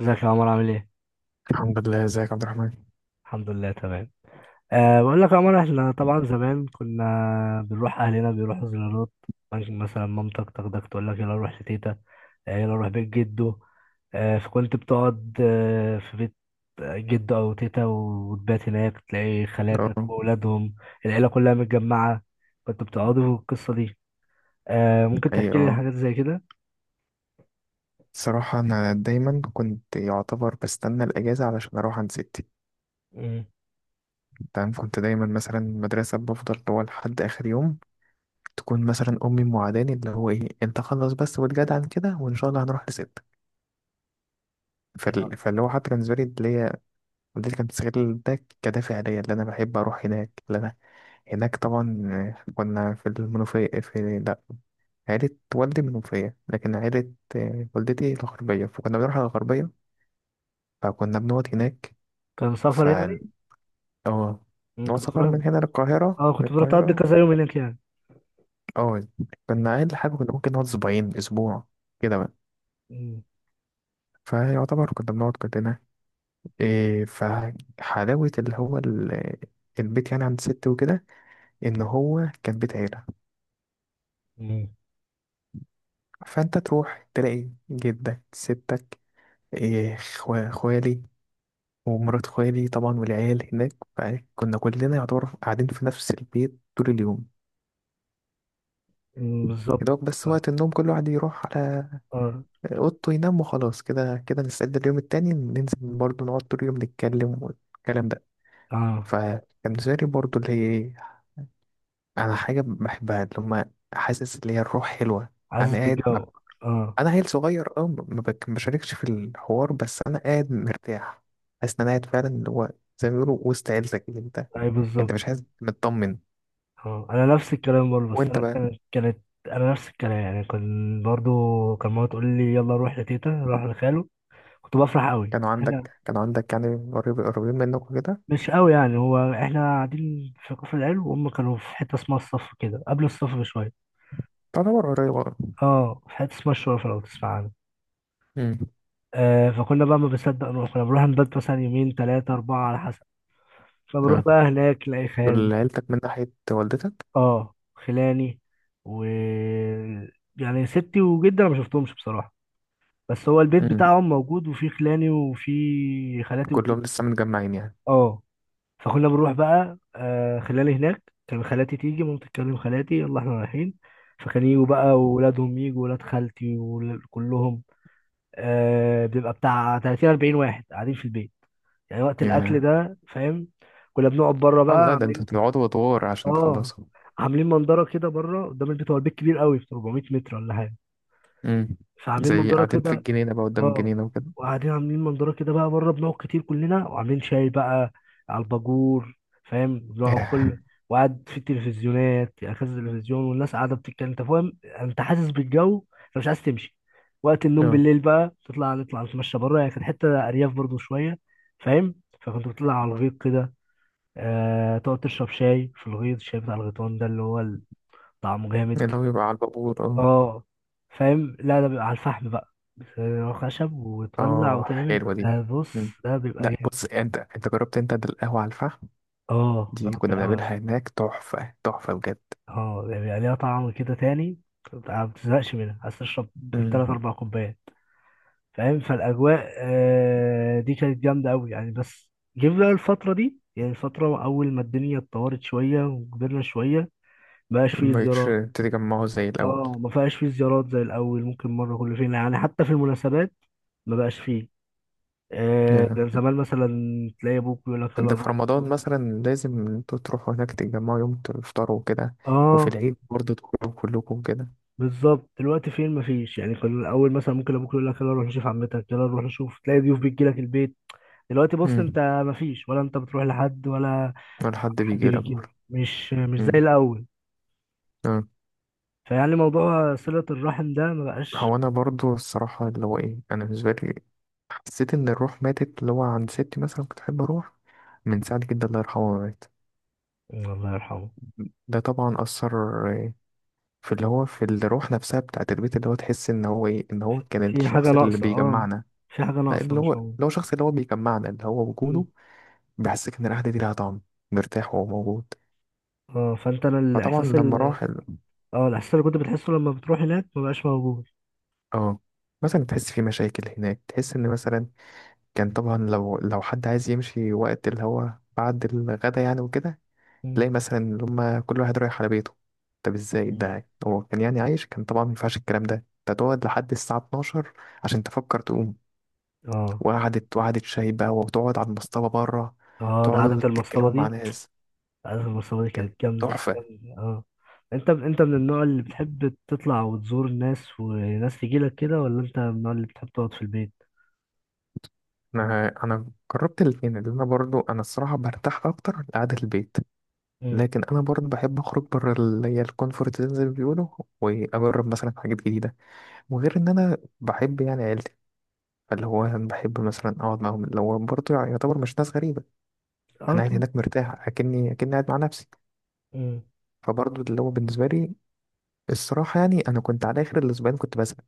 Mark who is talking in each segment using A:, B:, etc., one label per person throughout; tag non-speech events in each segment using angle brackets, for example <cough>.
A: ازيك يا عمر عامل ايه؟
B: الحمد لله. ازيك يا عبد الرحمن؟
A: الحمد لله تمام. بقول لك يا عمر احنا طبعا زمان كنا بنروح اهلنا بيروحوا زيارات. ممكن مثلا مامتك تاخدك تقول لك يلا نروح لتيتا. يلا نروح بيت جده. فكنت بتقعد في بيت جده او تيتا وتبات هناك تلاقي خالاتك
B: اه.
A: واولادهم. العيله كلها متجمعه. كنت بتقعدوا في القصه دي. ممكن
B: اي
A: تحكي لي
B: اه.
A: حاجات زي كده؟
B: الصراحة أنا دايما كنت يعتبر بستنى الأجازة علشان أروح عند ستي.
A: مم.
B: تمام، كنت دايما مثلا المدرسة بفضل هو لحد آخر يوم. تكون مثلا أمي موعداني اللي هو إيه، أنت خلص بس واتجدع عن كده وإن شاء الله هنروح لستك. فاللي هو حتى كان بالنسبة لي اللي هي والدتي كانت بتستغل ده كدافع ليا، اللي أنا بحب أروح هناك اللي أنا. هناك طبعا كنا في المنوفية، في لأ، عيلة والدي منوفية، لكن عيلة والدتي الغربية، فكنا بنروح على الغربية، فكنا بنقعد هناك.
A: كان
B: ف
A: سفر يعني؟
B: اه.
A: مم،
B: هو
A: كنت
B: سفر
A: بتروح.
B: من هنا للقاهرة،
A: اه
B: من
A: كنت بتروح تقضي
B: القاهرة.
A: كذا يوم هناك يعني.
B: اه، كنا أقل حاجة كنا ممكن نقعد أسبوعين أسبوع كده بقى.
A: مم.
B: فيعتبر كنا بنقعد كلنا، إيه، فحلاوة اللي هو البيت يعني عند ستي وكده، إن هو كان بيت عيلة.
A: مم.
B: فأنت تروح تلاقي جدك، ستك، إيه، خوالي، ومرات خوالي طبعا والعيال هناك، فكنا كلنا يعتبر قاعدين في نفس البيت طول اليوم.
A: مم، بالظبط.
B: يا دوب بس
A: اه.
B: وقت النوم كل واحد يروح على
A: اه.
B: أوضته ينام، وخلاص كده كده نستعد اليوم التاني ننزل برضه نقعد طول اليوم نتكلم والكلام ده.
A: آه.
B: فكان بالنسبة لي برضه اللي هي إيه، أنا حاجة بحبها، اللي هما حاسس اللي هي الروح حلوة.
A: حاسس
B: أنا قاعد ما...
A: بالجو. اه.
B: أنا عيل صغير، ما بشاركش في الحوار، بس أنا قاعد مرتاح. حاسس إن أنا قاعد فعلا اللي هو زي ما بيقولوا وسط عيلتك، انت
A: اي
B: انت
A: بالظبط.
B: مش عايز، مطمن.
A: اه انا نفس الكلام برضه بس
B: وانت
A: انا
B: بقى.
A: كانت. انا نفس الكلام يعني كان برضه كان ماما تقول لي يلا نروح لتيتا نروح لخاله. كنت بفرح قوي بس
B: كانوا
A: احنا
B: عندك كانوا عندك يعني، قريبين منك وكده.
A: مش قوي يعني، هو احنا قاعدين في كفر العلو وهم كانوا في حته اسمها الصف كده قبل الصف بشويه.
B: تعتبر قريب، اه.
A: اه في حته اسمها الشرف لو تسمع عنها.
B: امم.
A: آه فكنا بقى ما بنصدق نروح، كنا بنروح نبات مثلا يومين ثلاثه اربعه على حسب. فبروح
B: اه.
A: بقى هناك الاقي خال.
B: دول عيلتك من ناحية والدتك.
A: اه خلاني و يعني ستي وجدي انا ما شفتهمش بصراحه، بس هو البيت
B: امم.
A: بتاعهم موجود وفي خلاني وفي خالاتي وكده.
B: كلهم لسه متجمعين يعني.
A: اه فكنا بنروح بقى آه خلاني هناك، كان خالاتي تيجي ماما تتكلم خالاتي يلا احنا رايحين. فكان يجوا بقى وولادهم يجوا ولاد خالتي وكلهم. آه بيبقى بتاع 30 40 واحد قاعدين في البيت يعني وقت الاكل
B: يا،
A: ده فاهم. كنا بنقعد بره
B: اه.
A: بقى
B: لا ده انتوا
A: عاملين.
B: بتقعدوا ادوار عشان
A: اه
B: تخلصوا.
A: عاملين منظره كده بره قدام البيت، هو البيت كبير قوي في 400 متر ولا حاجه.
B: امم.
A: فعاملين
B: زي
A: منظره
B: قاعدين في
A: كده.
B: الجنينة بقى، قدام
A: اه
B: الجنينة وكده.
A: وقاعدين عاملين منظره كده بقى بره بنقعد كتير كلنا وعاملين شاي بقى على الباجور. فاهم بنقعد
B: ياه.
A: كل وقعد في التلفزيونات يعني كذا تلفزيون والناس قاعده بتتكلم انت فاهم، انت حاسس بالجو انت مش عايز تمشي. وقت النوم
B: اه.
A: بالليل بقى تطلع نطلع نتمشى بره يعني كانت حته ارياف برضو شويه. فاهم. فكنت بتطلع على الغيط كده. آه، تقعد تشرب شاي في الغيط، الشاي بتاع الغيطان ده اللي هو طعمه جامد.
B: اللي هو يبقى على البابور، اه.
A: اه فاهم، لا ده بيبقى على الفحم بقى بس هو خشب وتولع
B: اه،
A: وتعمل
B: حلوة دي.
A: ده بص.
B: امم.
A: ده بيبقى
B: لا
A: جامد.
B: بص انت جربت انت ده القهوة على الفحم؟
A: اه
B: دي
A: جربت
B: كنا
A: الأول.
B: بنعملها هناك، تحفة تحفة بجد.
A: اه يعني بيبقى ليها طعم كده تاني، ما بتزهقش منها عايز تشرب تلات
B: مم.
A: أربع كوبايات. فاهم، فالأجواء آه، دي كانت جامدة أوي يعني. بس جيب بقى الفترة دي، يعني الفترة أول ما الدنيا اتطورت شوية وكبرنا شوية مبقاش فيه
B: مبقتش
A: زيارات.
B: تتجمعوا زي الأول.
A: اه ما فيهاش فيه زيارات زي الأول، ممكن مرة كل فين يعني. حتى في المناسبات ما بقاش فيه. آه،
B: ياه.
A: كان زمان مثلا تلاقي ابوك يقول لك
B: ده
A: يلا
B: في
A: نروح
B: رمضان
A: نزور.
B: مثلا لازم انتوا تروحوا هناك تتجمعوا يوم تفطروا وكده. وفي
A: اه
B: العيد برضه تخرجوا كلكم كده.
A: بالظبط، دلوقتي فين مفيش يعني. كان الاول مثلا ممكن ابوك يقول لك يلا نروح نشوف عمتك، يلا نروح نشوف، تلاقي ضيوف بتجي لك البيت. دلوقتي بص انت
B: امم.
A: مفيش، ولا انت بتروح لحد ولا
B: ولا حد
A: حد
B: بيجي لك
A: بيجي لك،
B: برضه.
A: مش مش زي
B: امم.
A: الاول.
B: آه.
A: فيعني موضوع صلة الرحم ده ما بقاش.
B: هو أنا برضه الصراحة اللي هو إيه، أنا بالنسبة لي حسيت إن الروح ماتت، اللي هو عند ستي مثلا كنت أحب أروح من ساعة جدا الله يرحمه ما مات.
A: الله يرحمه.
B: ده طبعا أثر آه، في اللي هو في الروح نفسها بتاعت البيت، اللي هو تحس إن هو إيه، إن هو كان
A: في حاجة
B: الشخص اللي
A: ناقصة اه.
B: بيجمعنا.
A: في حاجة
B: لا،
A: ناقصة
B: اللي هو
A: مش موجودة.
B: اللي هو شخص اللي هو بيجمعنا، اللي هو وجوده
A: مم.
B: بيحسسك ان القعده دي لها طعم، مرتاح وهو موجود.
A: اه فانت انا
B: فطبعا
A: الاحساس
B: لما
A: ال...
B: راح
A: اه الاحساس اللي كنت بتحسه لما بتروح هناك ما بقاش موجود.
B: اه، مثلا تحس في مشاكل هناك، تحس ان مثلا كان طبعا لو حد عايز يمشي وقت اللي هو بعد الغدا يعني وكده،
A: مم.
B: تلاقي مثلا اللي هما كل واحد رايح على بيته. طب ازاي
A: مم.
B: ده، هو كان يعني عايش، كان طبعا ما ينفعش الكلام ده، انت تقعد لحد الساعة 12 عشان تفكر تقوم.
A: اه.
B: وقعدت شاي بقى، وتقعد على المصطبة بره
A: اه ده
B: تقعدوا
A: عادة المصطبة
B: تتكلموا مع
A: دي،
B: ناس.
A: عادة المصطبة دي
B: كان
A: كانت جامدة
B: تحفة.
A: جامدة اه. انت انت من النوع اللي بتحب تطلع وتزور الناس وناس تجيلك كده، ولا انت من النوع اللي بتحب تقعد في البيت؟
B: انا جربت الاثنين، اللي انا برضو انا الصراحه برتاح اكتر لقعده البيت.
A: مم.
B: لكن انا برضو بحب اخرج بره، اللي هي الكونفورت زي ما بيقولوا، واجرب مثلا حاجات جديده. وغير ان انا بحب يعني عيلتي، فاللي هو أنا بحب مثلا اقعد معاهم، اللي هو برضو يعتبر مش ناس غريبه.
A: اه
B: انا قاعد
A: طبعا.
B: هناك مرتاح، اكني قاعد مع نفسي.
A: مم.
B: فبرضو اللي هو بالنسبه لي، الصراحه يعني انا كنت على اخر الاسبوعين كنت بزهق.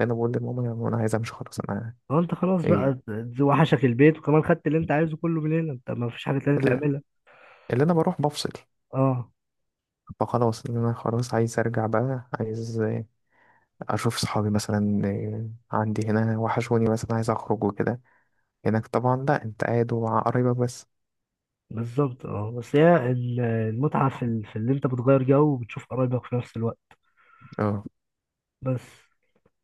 B: انا بقول لماما انا عايز امشي خلاص، انا.
A: اه انت خلاص بقى،
B: ايه.
A: ت- وحشك البيت وكمان خدت اللي انت عايزه كله من هنا، انت ما فيش حاجة تانية
B: اللي
A: تعملها.
B: اللي انا بروح بفصل.
A: اه
B: فخلاص إن أنا خلاص عايز أرجع بقى، عايز أشوف صحابي مثلا، عندي هنا وحشوني مثلا، عايز أخرج وكده. هناك طبعا لأ، أنت قاعد ومع قرايبك بس.
A: بالظبط. اه بس هي ال- المتعة في، ال... في اللي انت بتغير جو وبتشوف قرايبك في نفس الوقت
B: اه.
A: بس.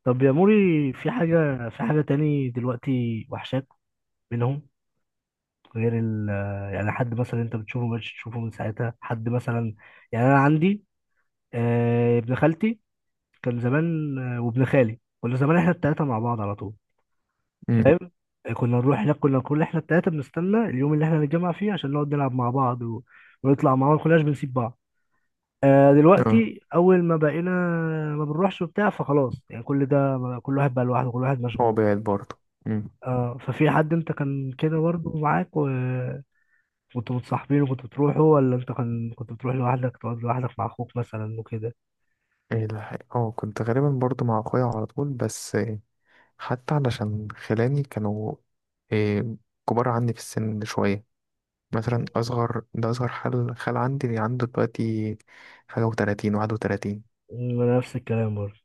A: طب يا موري في حاجة، في حاجة تاني دلوقتي وحشاك منهم غير ال آه، يعني حد مثلا انت بتشوفه مش تشوفه من ساعتها حد مثلا. يعني انا عندي آه، ابن خالتي كان زمان آه، وابن خالي كنا زمان احنا التلاتة مع بعض على طول.
B: أمم.
A: فاهم. آه، كنا نروح هناك كنا كل احنا التلاتة بنستنى اليوم اللي احنا نتجمع فيه عشان نقعد نلعب مع بعض و... ونطلع مع بعض ما كناش بنسيب بعض. آه،
B: اه،
A: دلوقتي اول ما بقينا ما بنروحش وبتاع فخلاص يعني كل ده. كل واحد بقى لوحده كل واحد
B: هو
A: مشغول.
B: بعيد برضه. أمم.
A: اه ففي حد انت كان كده برضه معاك و... كنتوا متصاحبين وكنتوا بتروحوا، ولا انت كان كنت بتروح لوحدك تقعد لوحدك مع اخوك مثلا وكده؟
B: ايه ده، اه، كنت غالبا برضه مع أخويا على طول بس، حتى علشان خلاني كانوا، إيه، كبار عني في السن شوية. مثلا أصغر، ده أصغر خال عندي اللي عنده دلوقتي حاجة وتلاتين، واحد وتلاتين.
A: م- نفس الكلام برضه.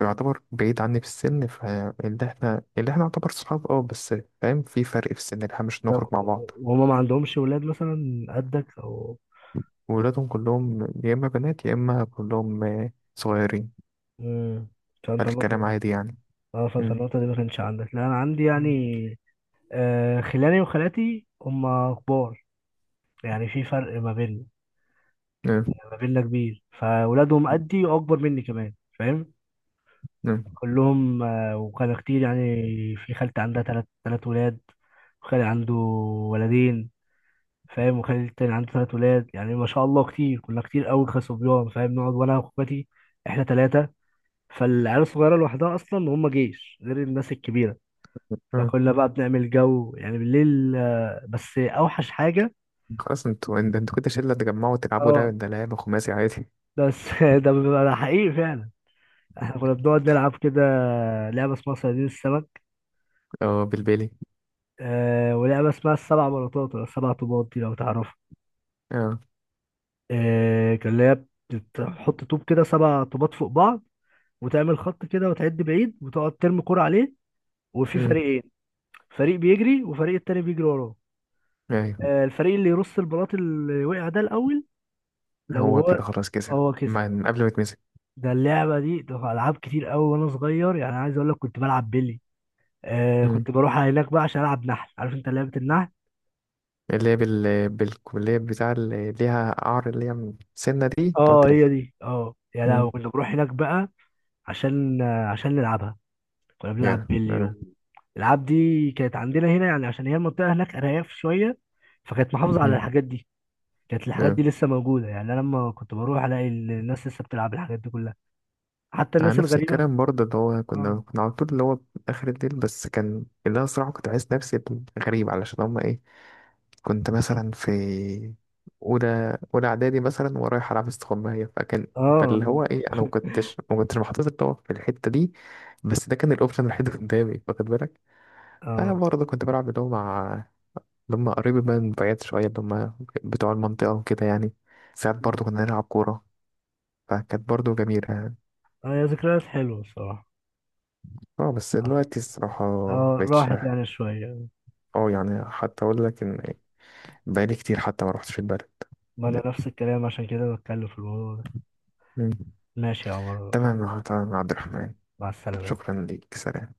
B: يعتبر بعيد عني في السن، فاللي احنا اللي احنا نعتبر صحاب اه، بس فاهم في فرق في السن اللي احنا مش
A: طب
B: نخرج مع بعض.
A: وهما ما عندهمش ولاد مثلا قدك او.
B: وولادهم كلهم يا اما بنات يا اما كلهم صغيرين،
A: امم. فانت
B: فالكلام
A: النقطة.
B: عادي يعني.
A: اه فانت
B: مم.
A: النقطة دي ما كانش عندك، لا انا عندي يعني
B: مم.
A: آه خلاني وخالاتي هما كبار. يعني في فرق ما بيننا
B: مم.
A: يعني، ما بيننا كبير، فولادهم قدي واكبر مني كمان. فاهم،
B: مم.
A: كلهم آه وكانوا كتير يعني. في خالتي عندها تلات ولاد، وخالي عنده ولدين. فاهم، وخالي التاني عنده ثلاث ولاد يعني ما شاء الله كتير، كنا كتير قوي كصبيان. فاهم، نقعد وانا واخواتي احنا ثلاثه، فالعيال الصغيره لوحدها اصلا هم جيش غير الناس الكبيره.
B: مم.
A: فكنا بقى بنعمل جو يعني بالليل آه، بس اوحش حاجه.
B: خلاص انتوا، انتوا كده شلة تجمعوا تلعبوا
A: اه
B: لعبة، ده لعبة خماسي عادي.
A: بس <laughs> ده بيبقى ده حقيقي فعلا. احنا كنا بنقعد نلعب كده لعبه اسمها صيادين السمك.
B: <laughs> اه، بالبيلي.
A: آه ولعبه اسمها السبع بلاطات ولا السبع طوبات دي لو تعرفوا.
B: اه.
A: آه كان اللي هي بتحط طوب كده سبع طوبات فوق بعض، وتعمل خط كده وتعد بعيد وتقعد ترمي كرة عليه، وفي
B: مم.
A: فريقين. فريق بيجري وفريق التاني بيجري وراه.
B: ايوه.
A: آه، الفريق اللي يرص البلاط اللي وقع ده الأول لو
B: هو
A: هو،
B: كده خلاص كسب
A: هو كسب.
B: من قبل ما يتمسك.
A: ده اللعبة دي ده ألعاب كتير قوي وأنا صغير، يعني عايز أقول لك كنت بلعب بيلي. آه
B: مم.
A: كنت بروح هناك بقى عشان ألعب نحل، عارف أنت لعبة النحل.
B: اللي هي بالكلية بتاع، اللي ليها قعر، اللي هي من السنة دي تقعد
A: اه
B: تلف.
A: هي دي اه، يا
B: مم.
A: لو كنا بنروح هناك بقى عشان آه، عشان نلعبها. كنا بنلعب
B: يا،
A: بيلي و...
B: آه.
A: الألعاب دي كانت عندنا هنا يعني، عشان هي المنطقة هناك أرياف شوية فكانت محافظة على
B: مم،
A: الحاجات دي. كانت الحاجات
B: يا.
A: دي لسه موجودة، يعني أنا لما كنت بروح ألاقي الناس لسه بتلعب الحاجات دي كلها. حتى
B: على
A: الناس
B: نفس
A: الغريبة.
B: الكلام برضه اللي هو،
A: اه.
B: كنا على طول اللي هو آخر الليل بس، كان اللي أنا صراحة كنت عايز نفسي غريب علشان هما إيه. كنت مثلا في أولى إعدادي مثلا ورايح ألعب استغماية فكان،
A: اه.
B: فاللي هو إيه، أنا ما كنتش محطوط اللي هو في الحتة دي، بس ده كان الأوبشن الوحيد اللي قدامي، واخد بالك. فأنا
A: اه.
B: برضه كنت بلعب اللي هو مع اللي هما قريب من بعيد شوية، اللي هما بتوع المنطقة وكده يعني. ساعات برضه كنا نلعب كورة، فكانت برضه جميلة يعني.
A: اه يا ذكريات حلوة الصراحة.
B: اه بس
A: اه.
B: دلوقتي الصراحة
A: اه
B: مبقتش.
A: راحت يعني شوية.
B: اه، يعني حتى أقول لك إن بقالي كتير حتى ما روحتش البلد.
A: ما
B: لا.
A: أنا نفس الكلام عشان كده بتكلم في الموضوع ده.
B: مم.
A: ماشي يا عمر،
B: تمام تمام يا عبد الرحمن.
A: مع السلامة.
B: شكرا ليك، سلام.